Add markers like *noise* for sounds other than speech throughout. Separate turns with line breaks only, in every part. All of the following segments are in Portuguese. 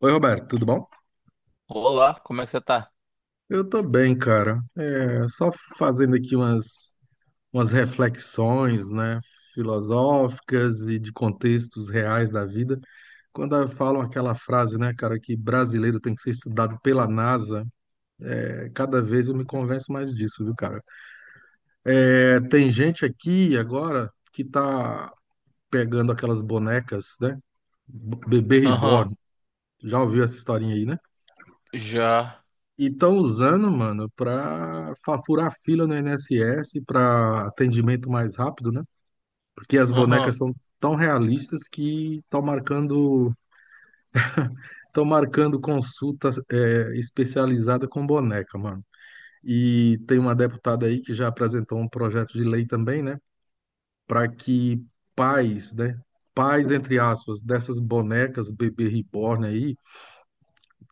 Oi, Roberto, tudo bom?
Olá, como é que você tá?
Eu tô bem, cara. É, só fazendo aqui umas reflexões, né, filosóficas e de contextos reais da vida. Quando falam aquela frase, né, cara, que brasileiro tem que ser estudado pela NASA, é, cada vez eu me convenço mais disso, viu, cara? É, tem gente aqui agora que tá pegando aquelas bonecas, né? Bebê
Aham,
reborn. Já ouviu essa historinha aí, né?
já.
E estão usando, mano, para furar fila no INSS para atendimento mais rápido, né? Porque as bonecas
Aham.
são tão realistas que estão marcando consulta especializada com boneca, mano. E tem uma deputada aí que já apresentou um projeto de lei também, né? Para que pais, né? Pais, entre aspas, dessas bonecas bebê reborn aí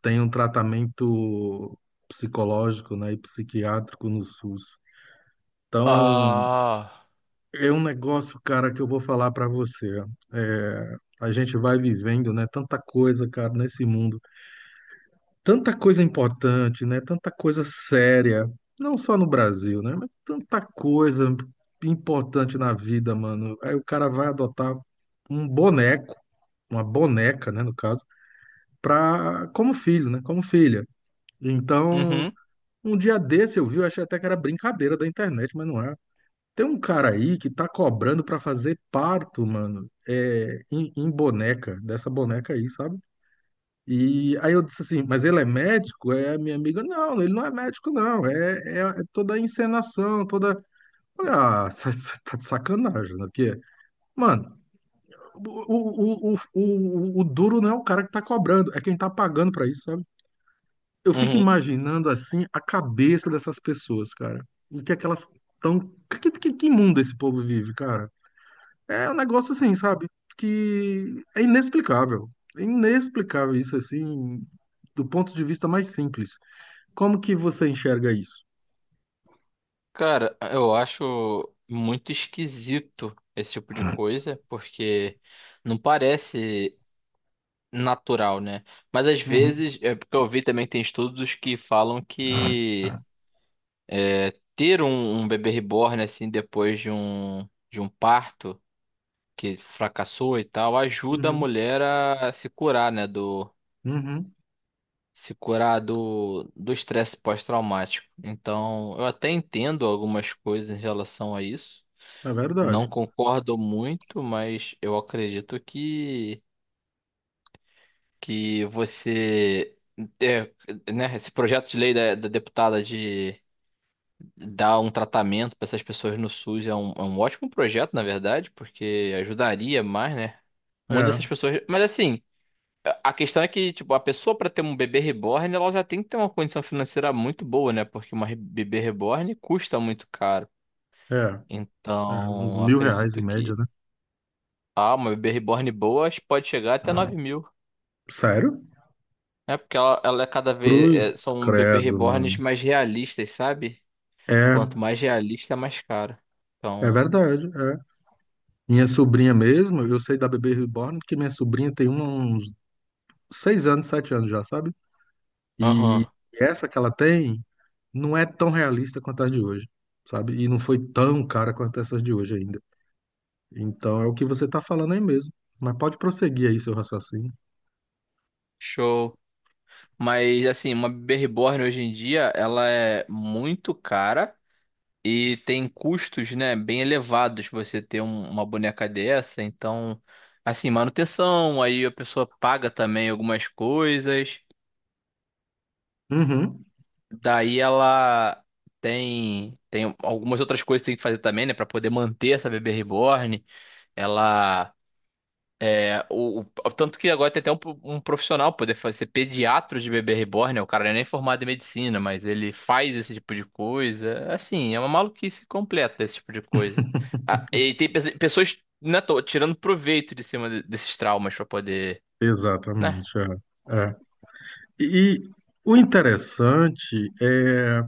tenham tratamento psicológico, né, e psiquiátrico no SUS. Então,
Ah.
é um negócio, cara, que eu vou falar para você. É, a gente vai vivendo, né, tanta coisa, cara, nesse mundo, tanta coisa importante, né, tanta coisa séria, não só no Brasil, né, mas tanta coisa importante na vida, mano. Aí o cara vai adotar um boneco, uma boneca, né, no caso, pra, como filho, né, como filha. Então,
Uhum,
um dia desse eu vi, eu achei até que era brincadeira da internet, mas não é. Tem um cara aí que tá cobrando pra fazer parto, mano, em boneca, dessa boneca aí, sabe? E aí eu disse assim, mas ele é médico? É a minha amiga, não, ele não é médico, não. É toda a encenação, toda. Falei, ah, *laughs* tá de sacanagem, né? Porque, mano, o duro não é o cara que tá cobrando, é quem tá pagando pra isso, sabe? Eu fico
uhum.
imaginando assim a cabeça dessas pessoas, cara. O que é que elas estão. Que mundo esse povo vive, cara? É um negócio assim, sabe? Que é inexplicável. É inexplicável isso, assim, do ponto de vista mais simples. Como que você enxerga isso?
Cara, eu acho muito esquisito esse tipo de coisa, porque não parece natural, né? Mas às
Uhum,
vezes, é porque eu vi também que tem estudos que falam que ter um bebê reborn assim depois de um parto que fracassou e tal, ajuda a
uhum,
mulher a se curar, né, Do
uhum.
se curar do estresse pós-traumático. Então, eu até entendo algumas coisas em relação a isso.
É
Não
verdade.
concordo muito, mas eu acredito que é, né, esse projeto de lei da deputada de dar um tratamento para essas pessoas no SUS é um ótimo projeto, na verdade, porque ajudaria mais, né? Muitas
É,
dessas pessoas. Mas assim. A questão é que, tipo, a pessoa para ter um bebê reborn, ela já tem que ter uma condição financeira muito boa, né? Porque bebê reborn custa muito caro.
é, é. Uns
Então,
R$ 1.000
acredito
em média,
que
né?
uma bebê reborn boa acho que pode chegar até 9 mil.
Sério?
É porque ela é cada vez é,
Cruz,
são bebê
credo,
reborns
mano.
mais realistas, sabe? Quanto
É,
mais realista, mais caro.
é
Então,
verdade, é. Minha sobrinha mesmo, eu sei da Bebê Reborn, porque minha sobrinha tem uns 6 anos, 7 anos já, sabe?
aham,
E essa que ela tem não é tão realista quanto as de hoje, sabe? E não foi tão cara quanto essas de hoje ainda. Então é o que você tá falando aí mesmo. Mas pode prosseguir aí seu raciocínio.
show. Mas assim, uma bebê reborn hoje em dia, ela é muito cara. E tem custos, né, bem elevados você ter uma boneca dessa. Então, assim, manutenção, aí a pessoa paga também algumas coisas.
Uhum.
Daí ela tem algumas outras coisas que tem que fazer também, né, para poder manter essa bebê reborn. Ela É, o- Tanto que agora tem até um profissional poder ser pediatra de bebê reborn, né? O cara não é nem formado em medicina, mas ele faz esse tipo de coisa. Assim, é uma maluquice completa esse tipo de coisa. Ah, e tem pessoas, né, tô tirando proveito de cima desses traumas pra poder, né?
Exatamente, é. É. E o interessante é,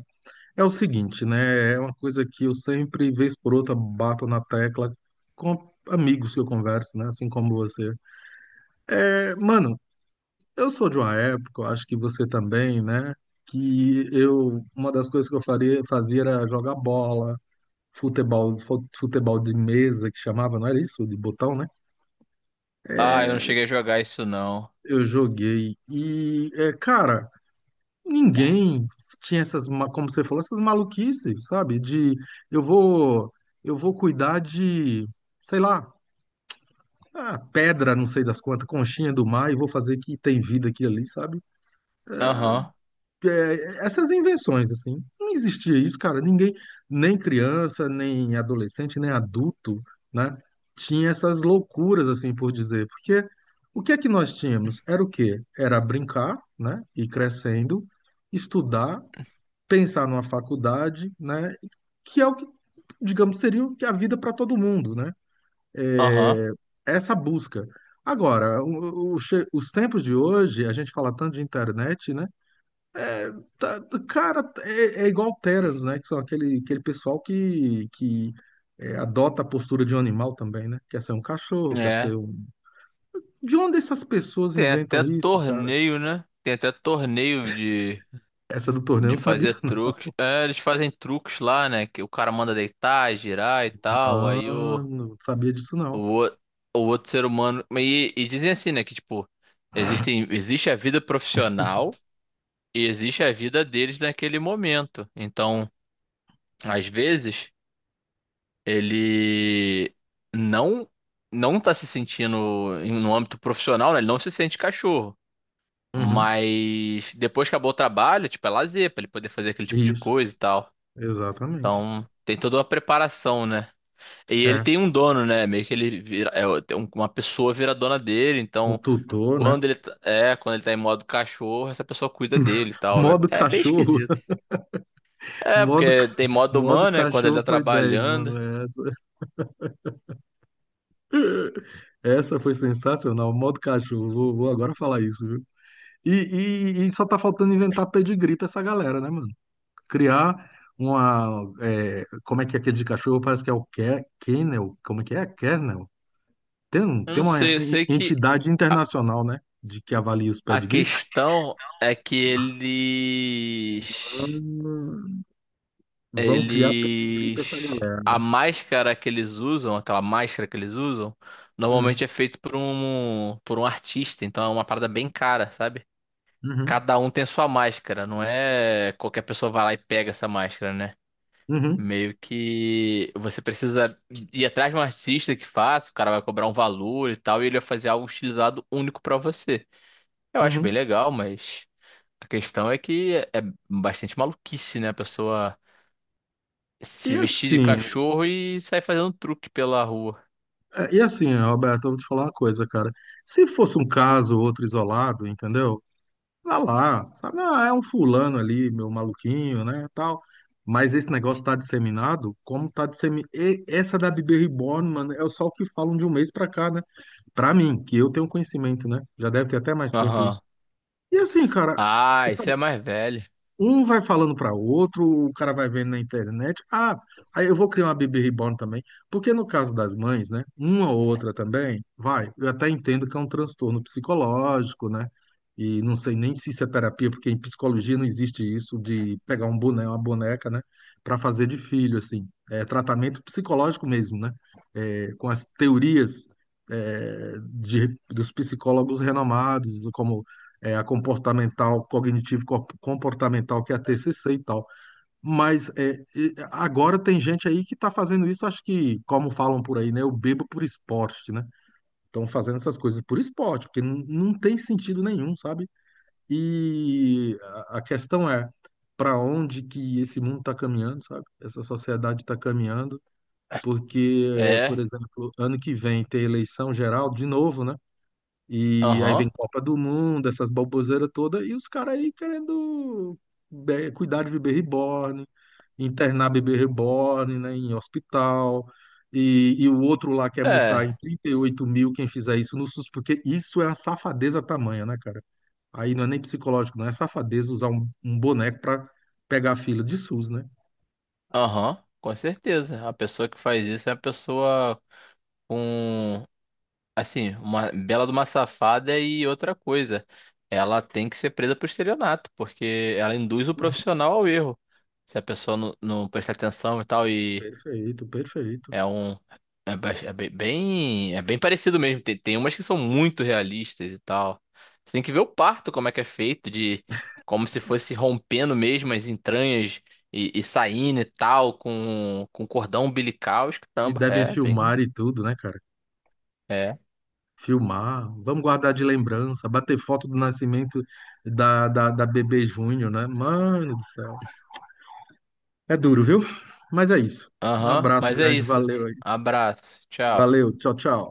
o seguinte, né? É uma coisa que eu sempre, vez por outra, bato na tecla com amigos que eu converso, né? Assim como você. É, mano, eu sou de uma época, eu acho que você também, né? Que eu, uma das coisas que eu faria, fazia era jogar bola, futebol, futebol de mesa, que chamava, não era isso? De botão, né?
Ah, eu não cheguei a jogar isso não.
Eu joguei. E, é, cara, ninguém tinha essas, como você falou, essas maluquices, sabe? De eu vou, eu vou cuidar de, sei lá, ah, pedra, não sei das quantas, conchinha do mar, e vou fazer que tem vida aqui e ali, sabe?
Aham,
É, essas invenções, assim, não existia isso, cara. Ninguém, nem criança, nem adolescente, nem adulto, né, tinha essas loucuras, assim, por dizer. Porque o que é que nós tínhamos? Era o quê? Era brincar, né, ir crescendo, estudar, pensar numa faculdade, né, que é o que, digamos, seria o que é a vida para todo mundo, né?
aham.
É, essa busca. Agora, os tempos de hoje, a gente fala tanto de internet, né? Tá- cara, é igual Terans, né? Que são aquele pessoal que adota a postura de um animal também, né? Quer ser um cachorro, quer ser
É.
um. De onde essas pessoas
Tem
inventam
até
isso, cara?
torneio, né? Tem até torneio de
Essa do torneio eu
De
não sabia.
fazer
*laughs*
truque. É, eles fazem truques lá, né? Que o cara manda deitar, girar e tal. Aí
Mano, não sabia disso não.
o, o o outro ser humano. E dizem assim, né? Que tipo, existe a vida profissional e existe a vida deles naquele momento. Então, às vezes, ele não não tá se sentindo no âmbito profissional, né? Ele não se sente cachorro.
Uhum.
Mas depois que acabou o trabalho, tipo, é lazer, pra ele poder fazer aquele tipo de
Isso,
coisa e tal.
exatamente.
Então, tem toda uma preparação, né? E ele
É,
tem um dono, né? Meio que ele vira, é, tem uma pessoa vira dona dele,
um
então
tutor, né?
quando ele tá, quando ele tá em modo cachorro, essa pessoa cuida dele e tal. É,
Modo
é bem
cachorro.
esquisito.
*laughs*
É,
Modo, ca-
porque tem modo
modo
humano, né? Quando ele
cachorro
tá
foi dez, mano.
trabalhando.
Essa. *laughs* Essa foi sensacional. Modo cachorro. Vou agora falar isso, viu? E, e só tá faltando inventar pedigree pra essa galera, né, mano? Criar uma. É, como é que é aquele de cachorro? Parece que é o Kennel. Como é que é? Kennel? Tem,
Eu
tem
não
uma
sei, eu sei que
entidade
a,
internacional, né? De que avalia os
a
pedigree.
questão é que
Ah,
eles
vão criar pedigree pra essa
Eles.
galera.
A máscara que eles usam, aquela máscara que eles usam,
Hum,
normalmente é feito por um artista, então é uma parada bem cara, sabe?
uhum,
Cada um tem sua máscara, não é qualquer pessoa vai lá e pega essa máscara, né?
uhum,
Meio que você precisa ir atrás de um artista que faça, o cara vai cobrar um valor e tal, e ele vai fazer algo estilizado único pra você. Eu acho bem
uhum.
legal, mas a questão é que é bastante maluquice, né? A pessoa.
E
Se vestir de
assim,
cachorro e sair fazendo truque pela rua.
e assim, Roberto, eu vou te falar uma coisa, cara. Se fosse um caso ou outro isolado, entendeu? Tá lá, sabe? Ah, é um fulano ali, meu maluquinho, né, tal. Mas esse negócio tá disseminado, como tá disseminado. Essa da Bebê Reborn, mano, é só o que falam de um mês pra cá, né? Pra mim, que eu tenho conhecimento, né? Já deve ter até mais tempo
Aham.
isso. E assim, cara,
Ah, isso é mais velho.
um vai falando para outro, o cara vai vendo na internet. Ah, aí eu vou criar uma baby Reborn também. Porque no caso das mães, né? Uma ou outra também, vai. Eu até entendo que é um transtorno psicológico, né? E não sei nem se isso é terapia, porque em psicologia não existe isso de pegar um boneco, uma boneca, né? Para fazer de filho, assim. É tratamento psicológico mesmo, né? É, com as teorias, dos psicólogos renomados, como é, a comportamental, cognitivo comportamental, que é a TCC e tal. Mas é, e agora tem gente aí que está fazendo isso, acho que, como falam por aí, né? Eu bebo por esporte, né? Estão fazendo essas coisas por esporte, porque não, não tem sentido nenhum, sabe? E a questão é para onde que esse mundo está caminhando, sabe? Essa sociedade está caminhando, porque, por
É.
exemplo, ano que vem tem eleição geral de novo, né? E aí vem
Aham.
Copa do Mundo, essas baboseiras todas, e os caras aí querendo cuidar de bebê reborn, internar bebê reborn, né, em hospital. E o outro lá quer multar em
É.
38 mil quem fizer isso no SUS, porque isso é uma safadeza tamanha, né, cara? Aí não é nem psicológico, não é safadeza usar um boneco pra pegar a fila de SUS, né?
Aham, com certeza. A pessoa que faz isso é uma pessoa com, assim, uma bela de uma safada e outra coisa. Ela tem que ser presa por estelionato, porque ela induz o
Uhum.
profissional ao erro. Se a pessoa não prestar atenção e tal e
Perfeito, perfeito.
É um. É, bem. É bem parecido mesmo. Tem umas que são muito realistas e tal. Você tem que ver o parto, como é que é feito, de como se fosse rompendo mesmo as entranhas e saindo e tal, com cordão umbilical. Os
E
Caramba,
devem
é bem.
filmar e tudo, né, cara?
É.
Filmar, vamos guardar de lembrança, bater foto do nascimento da bebê Júnior, né? Mano do céu. É duro, viu? Mas é isso. Um
Aham,
abraço
mas é
grande,
isso.
valeu aí.
Abraço. Tchau.
Valeu, tchau, tchau.